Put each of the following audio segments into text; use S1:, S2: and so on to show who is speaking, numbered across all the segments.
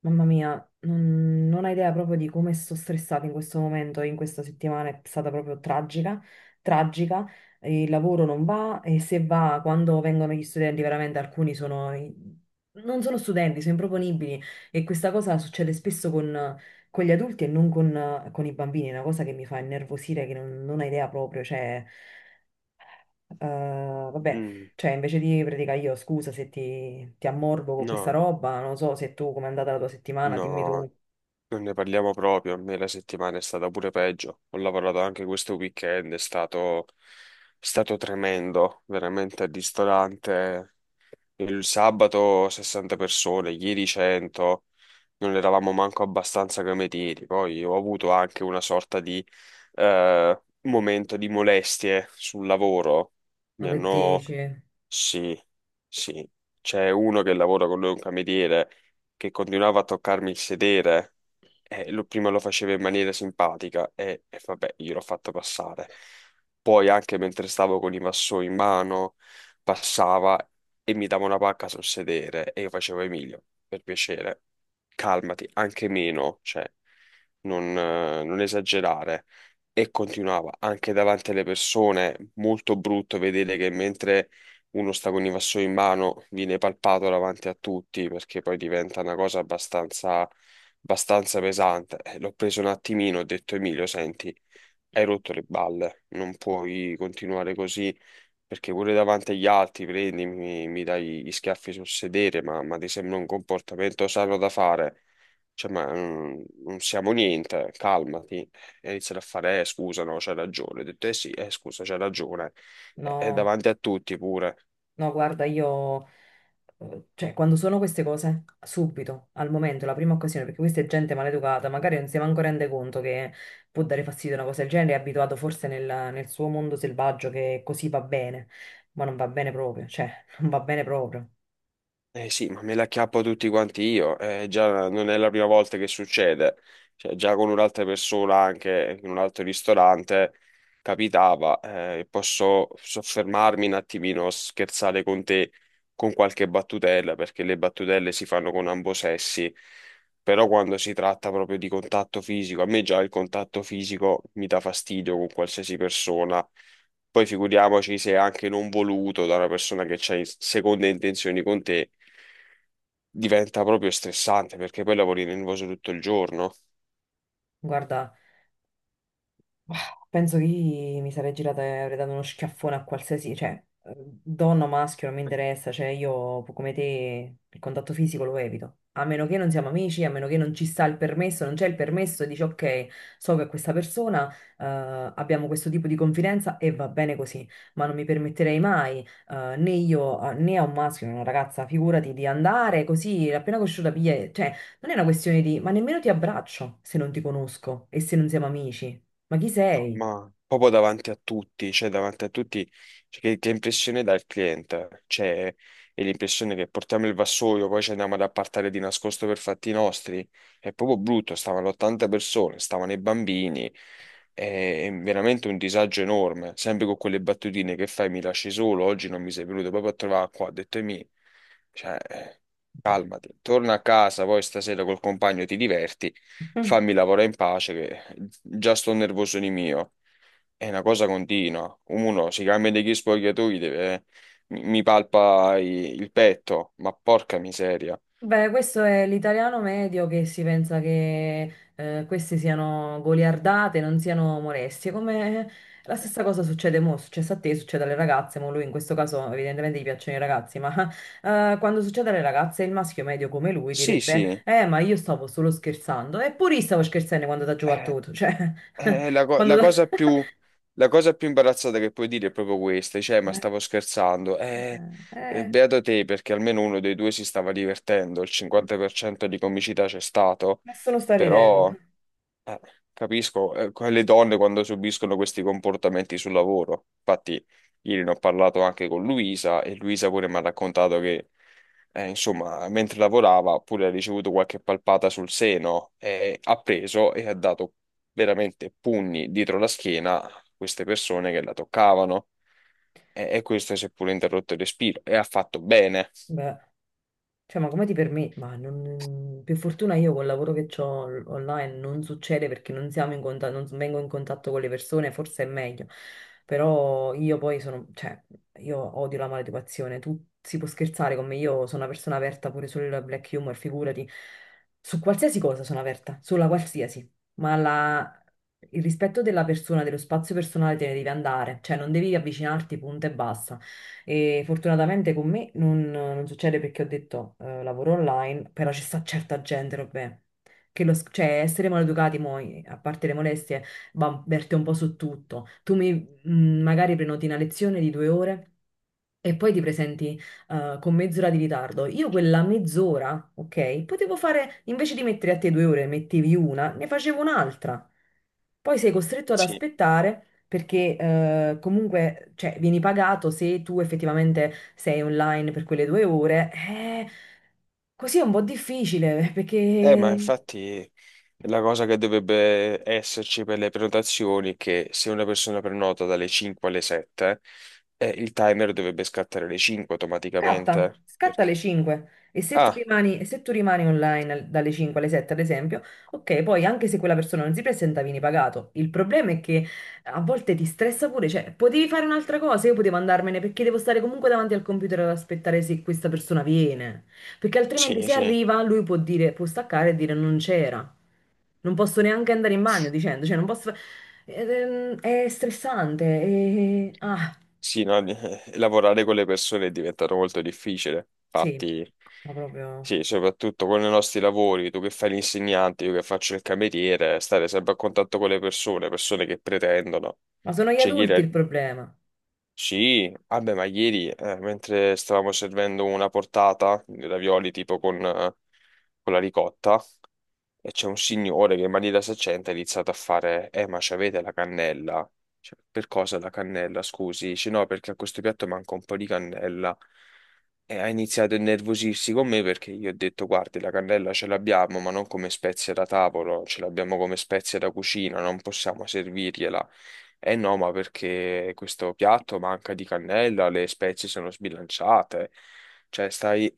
S1: Mamma mia, non hai idea proprio di come sto stressata in questo momento, in questa settimana è stata proprio tragica, tragica, il lavoro non va e se va, quando vengono gli studenti, veramente alcuni sono, non sono studenti, sono improponibili e questa cosa succede spesso con gli adulti e non con i bambini, è una cosa che mi fa innervosire, che non hai idea proprio, cioè... Vabbè,
S2: Mm,
S1: cioè invece di praticare io, scusa se ti ammorbo con questa
S2: no,
S1: roba, non so se tu, com'è andata la tua settimana, dimmi
S2: no,
S1: tu,
S2: non ne parliamo proprio. A me la settimana è stata pure peggio. Ho lavorato anche questo weekend, è stato tremendo, veramente al ristorante. Il sabato 60 persone, ieri 100, non eravamo manco abbastanza come tiri. Poi ho avuto anche una sorta di momento di molestie sul lavoro.
S1: no
S2: Mi
S1: che
S2: hanno
S1: dici?
S2: Sì, sì. C'è uno che lavora con lui, un cameriere, che continuava a toccarmi il sedere. Prima lo faceva in maniera simpatica e vabbè, io l'ho fatto passare. Poi anche mentre stavo con i vassoi in mano, passava e mi dava una pacca sul sedere e io facevo: Emilio, per piacere, calmati, anche meno, cioè, non esagerare. E continuava anche davanti alle persone, molto brutto vedere che mentre uno sta con i vassoi in mano viene palpato davanti a tutti, perché poi diventa una cosa abbastanza pesante. L'ho preso un attimino, ho detto: Emilio, senti, hai rotto le balle, non puoi continuare così, perché pure davanti agli altri mi dai gli schiaffi sul sedere, ma ti sembra un comportamento sano da fare? Cioè, ma non siamo niente, calmati. E iniziano a fare: scusa, no, c'hai ragione. Ho detto: eh sì, scusa, c'hai ragione. E
S1: No,
S2: davanti a tutti pure.
S1: no, guarda, io, cioè quando sono queste cose, subito, al momento, la prima occasione, perché questa è gente maleducata, magari non si manco rende conto che può dare fastidio una cosa del genere, è abituato forse nel suo mondo selvaggio che così va bene, ma non va bene proprio, cioè non va bene proprio.
S2: Eh sì, ma me la chiappo tutti quanti io, già non è la prima volta che succede, cioè, già con un'altra persona anche in un altro ristorante capitava. Posso soffermarmi un attimino, scherzare con te con qualche battutella, perché le battutelle si fanno con ambosessi, però quando si tratta proprio di contatto fisico, a me già il contatto fisico mi dà fastidio con qualsiasi persona. Poi figuriamoci se è anche non voluto da una persona che ha seconde intenzioni con te, diventa proprio stressante, perché poi lavori nervoso tutto il giorno.
S1: Guarda. Penso che io mi sarei girata e avrei dato uno schiaffone a qualsiasi, cioè, donna o maschio, non mi interessa, cioè io come te il contatto fisico lo evito. A meno che non siamo amici, a meno che non ci sta il permesso, non c'è il permesso e dici ok, so che questa persona, abbiamo questo tipo di confidenza e va bene così, ma non mi permetterei mai, né io né a un maschio né a una ragazza, figurati, di andare così, appena conosciuta, cioè, non è una questione di, ma nemmeno ti abbraccio se non ti conosco e se non siamo amici. Ma chi
S2: No,
S1: sei?
S2: ma proprio davanti a tutti, cioè davanti a tutti. Cioè, che impressione dà il cliente? Cioè, è l'impressione che portiamo il vassoio, poi ci andiamo ad appartare di nascosto per fatti nostri. È proprio brutto, stavano 80 persone, stavano i bambini, è veramente un disagio enorme, sempre con quelle battutine che fai: mi lasci solo, oggi non mi sei venuto proprio a trovare qua, ho detto e mi... Cioè,
S1: Qua.
S2: calmati, torna a casa, poi stasera col compagno ti diverti,
S1: Mm.
S2: fammi lavorare in pace, che già sto nervoso di mio. È una cosa continua. Uno si cambia degli spogliatoi, mi palpa il petto, ma porca miseria.
S1: Beh, questo è l'italiano medio che si pensa che queste siano goliardate, non siano molestie, come la stessa cosa succede mo, è successa a te, succede alle ragazze, mo lui in questo caso evidentemente gli piacciono i ragazzi, ma quando succede alle ragazze il maschio medio come lui
S2: Sì,
S1: direbbe,
S2: sì,
S1: ma io stavo solo scherzando, eppure io stavo scherzando quando ti ha
S2: è,
S1: giocato tu, cioè,
S2: è la, co-
S1: quando
S2: la
S1: t'ha-
S2: cosa più, la cosa più imbarazzata che puoi dire è proprio questa, cioè, ma
S1: eh,
S2: stavo scherzando.
S1: eh, eh,
S2: Beato te, perché almeno uno dei due si stava divertendo, il 50% di comicità c'è stato,
S1: nessuno sta ridendo.
S2: però... Eh, Capisco, le donne quando subiscono questi comportamenti sul lavoro. Infatti, ieri ne ho parlato anche con Luisa e Luisa pure mi ha raccontato che, insomma, mentre lavorava pure ha ricevuto qualche palpata sul seno e ha preso e ha dato veramente pugni dietro la schiena a queste persone che la toccavano. E questo si è pure interrotto il respiro e ha fatto bene.
S1: Beh. Cioè, ma come ti permetti? Ma non... per fortuna io col lavoro che ho online non succede perché non siamo in contatto, non vengo in contatto con le persone, forse è meglio. Però io poi sono, cioè, io odio la maleducazione. Tu si può scherzare con me, io sono una persona aperta pure sul black humor, figurati. Su qualsiasi cosa sono aperta, sulla qualsiasi. Ma la- il rispetto della persona, dello spazio personale te ne devi andare. Cioè, non devi avvicinarti, punto e basta. E fortunatamente con me non succede perché ho detto lavoro online, però ci sta certa gente, vabbè, che cioè essere maleducati, mo, a parte le molestie, va, verte un po' su tutto. Tu mi, magari prenoti una lezione di 2 ore e poi ti presenti con mezz'ora di ritardo. Io quella mezz'ora, ok, potevo fare, invece di mettere a te 2 ore, mettevi una, ne facevo un'altra. Poi sei costretto ad
S2: Sì.
S1: aspettare perché comunque, cioè, vieni pagato se tu effettivamente sei online per quelle 2 ore. Così è un po' difficile,
S2: Ma
S1: perché...
S2: infatti, la cosa che dovrebbe esserci per le prenotazioni è che se una persona prenota dalle 5 alle 7, il timer dovrebbe scattare alle 5
S1: Scatta,
S2: automaticamente.
S1: scatta alle
S2: Perché?
S1: 5 e se tu
S2: Ah,
S1: rimani, e se tu rimani online dalle 5 alle 7, ad esempio, ok, poi anche se quella persona non si presenta, vieni pagato. Il problema è che a volte ti stressa pure, cioè potevi fare un'altra cosa, io potevo andarmene perché devo stare comunque davanti al computer ad aspettare se questa persona viene, perché altrimenti
S2: sì,
S1: se
S2: sì,
S1: arriva lui può dire, può staccare e dire non c'era. Non posso neanche andare in bagno dicendo, cioè non posso... È stressante, e... ah,
S2: sì, no, lavorare con le persone è diventato molto difficile.
S1: sì,
S2: Infatti,
S1: ma proprio...
S2: sì, soprattutto con i nostri lavori, tu che fai l'insegnante, io che faccio il cameriere, stare sempre a contatto con le persone, persone che pretendono.
S1: Ma sono gli
S2: C'è chi,
S1: adulti
S2: re-
S1: il problema.
S2: Sì, vabbè, ma ieri, mentre stavamo servendo una portata di ravioli tipo con la ricotta, e c'è un signore che in maniera saccente ha iniziato a fare: eh, ma c'avete la cannella? Cioè, per cosa la cannella? Scusi, dice, no, perché a questo piatto manca un po' di cannella. E ha iniziato a innervosirsi con me, perché io ho detto: guardi, la cannella ce l'abbiamo, ma non come spezia da tavolo, ce l'abbiamo come spezia da cucina, non possiamo servirgliela. Eh no, ma perché questo piatto manca di cannella, le spezie sono sbilanciate. Cioè,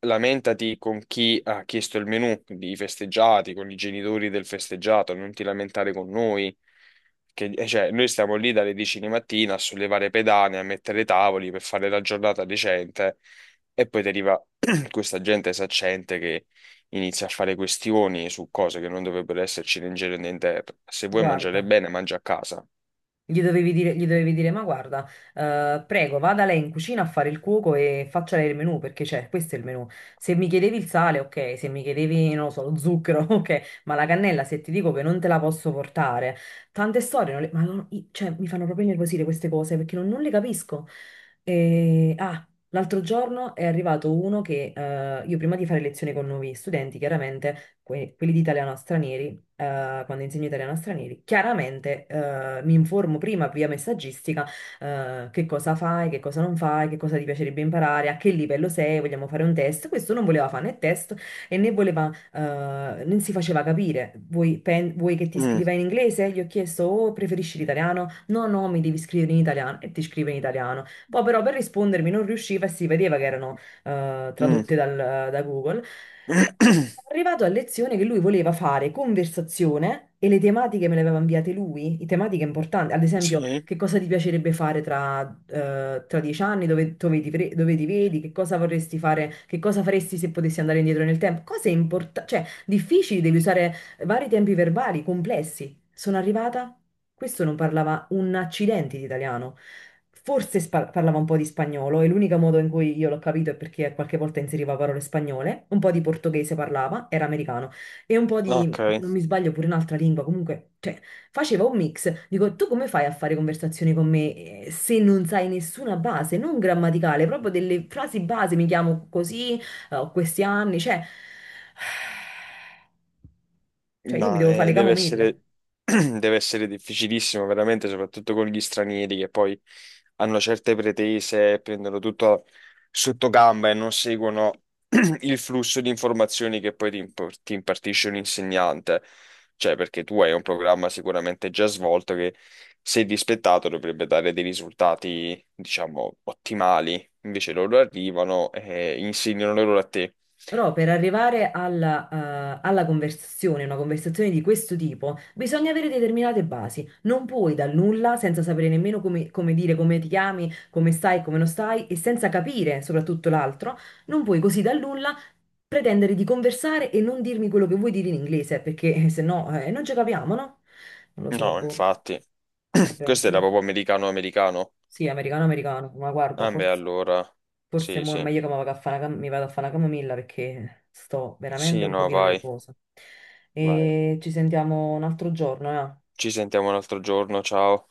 S2: lamentati con chi ha chiesto il menù, di festeggiati, con i genitori del festeggiato, non ti lamentare con noi. Che, cioè, noi stiamo lì dalle 10 di mattina a sollevare pedane, a mettere tavoli per fare la giornata decente, e poi ti arriva questa gente saccente che inizia a fare questioni su cose che non dovrebbero esserci né in giro né in terra. Se vuoi mangiare
S1: Guarda,
S2: bene, mangia a casa.
S1: gli dovevi dire, ma guarda, prego, vada lei in cucina a fare il cuoco e faccia lei il menù, perché c'è, questo è il menù. Se mi chiedevi il sale, ok, se mi chiedevi, non lo so, lo zucchero, ok, ma la cannella, se ti dico che non te la posso portare, tante storie, non le- ma non- i- cioè, mi fanno proprio innervosire queste cose, perché non le capisco. E, ah, l'altro giorno è arrivato uno che, io prima di fare lezione con nuovi studenti, chiaramente, quelli di italiano a stranieri, quando insegno italiano a stranieri, chiaramente mi informo prima via messaggistica che cosa fai, che cosa non fai, che cosa ti piacerebbe imparare, a che livello sei, vogliamo fare un test. Questo non voleva fare né test e né voleva, non si faceva capire. Vuoi, vuoi che ti
S2: Mm.
S1: scriva in inglese? Gli ho chiesto, oh, preferisci l'italiano? No, no, mi devi scrivere in italiano e ti scrive in italiano. Poi però per rispondermi non riusciva e si vedeva che erano eh,
S2: Mm.
S1: tradotte dal- da Google. Arrivato a lezione che lui voleva fare conversazione e le tematiche me le aveva inviate lui, i tematiche importanti, ad esempio
S2: Sì,
S1: che cosa ti piacerebbe fare tra 10 anni, dove ti, dove ti vedi, che cosa vorresti fare, che cosa faresti se potessi andare indietro nel tempo, cose importanti, cioè difficili, devi usare vari tempi verbali complessi. Sono arrivata, questo non parlava un accidente di italiano, forse parlava un po' di spagnolo e l'unico modo in cui io l'ho capito è perché qualche volta inseriva parole spagnole, un po' di portoghese parlava, era americano e un po'
S2: ok.
S1: di, se non mi sbaglio, pure un'altra lingua, comunque, cioè, faceva un mix. Dico, tu come fai a fare conversazioni con me se non sai nessuna base, non grammaticale, proprio delle frasi base, mi chiamo così, ho questi anni, cioè, cioè io mi
S2: No,
S1: devo fare le camomille.
S2: deve essere difficilissimo, veramente, soprattutto con gli stranieri che poi hanno certe pretese, prendono tutto sotto gamba e non seguono il flusso di informazioni che poi ti impartisce un insegnante. Cioè, perché tu hai un programma sicuramente già svolto che, se dispettato, dovrebbe dare dei risultati, diciamo, ottimali. Invece loro arrivano e insegnano loro a te.
S1: Però per arrivare alla, alla conversazione, una conversazione di questo tipo, bisogna avere determinate basi. Non puoi dal nulla, senza sapere nemmeno come, come dire, come ti chiami, come stai, come non stai, e senza capire soprattutto l'altro, non puoi così dal nulla pretendere di conversare e non dirmi quello che vuoi dire in inglese, perché se no non ci capiamo, no? Non lo so,
S2: No,
S1: boh.
S2: infatti.
S1: Vabbè,
S2: Questo era
S1: io-
S2: proprio americano-americano.
S1: sì, americano, americano, ma guarda,
S2: Ah, beh, allora.
S1: forse
S2: Sì,
S1: mo è
S2: sì.
S1: meglio che mi vado a fare una, mi vado a fare una camomilla perché sto veramente
S2: Sì,
S1: un
S2: no,
S1: pochino
S2: vai.
S1: nervosa.
S2: Vai.
S1: E ci sentiamo un altro giorno, eh?
S2: Ci sentiamo un altro giorno, ciao.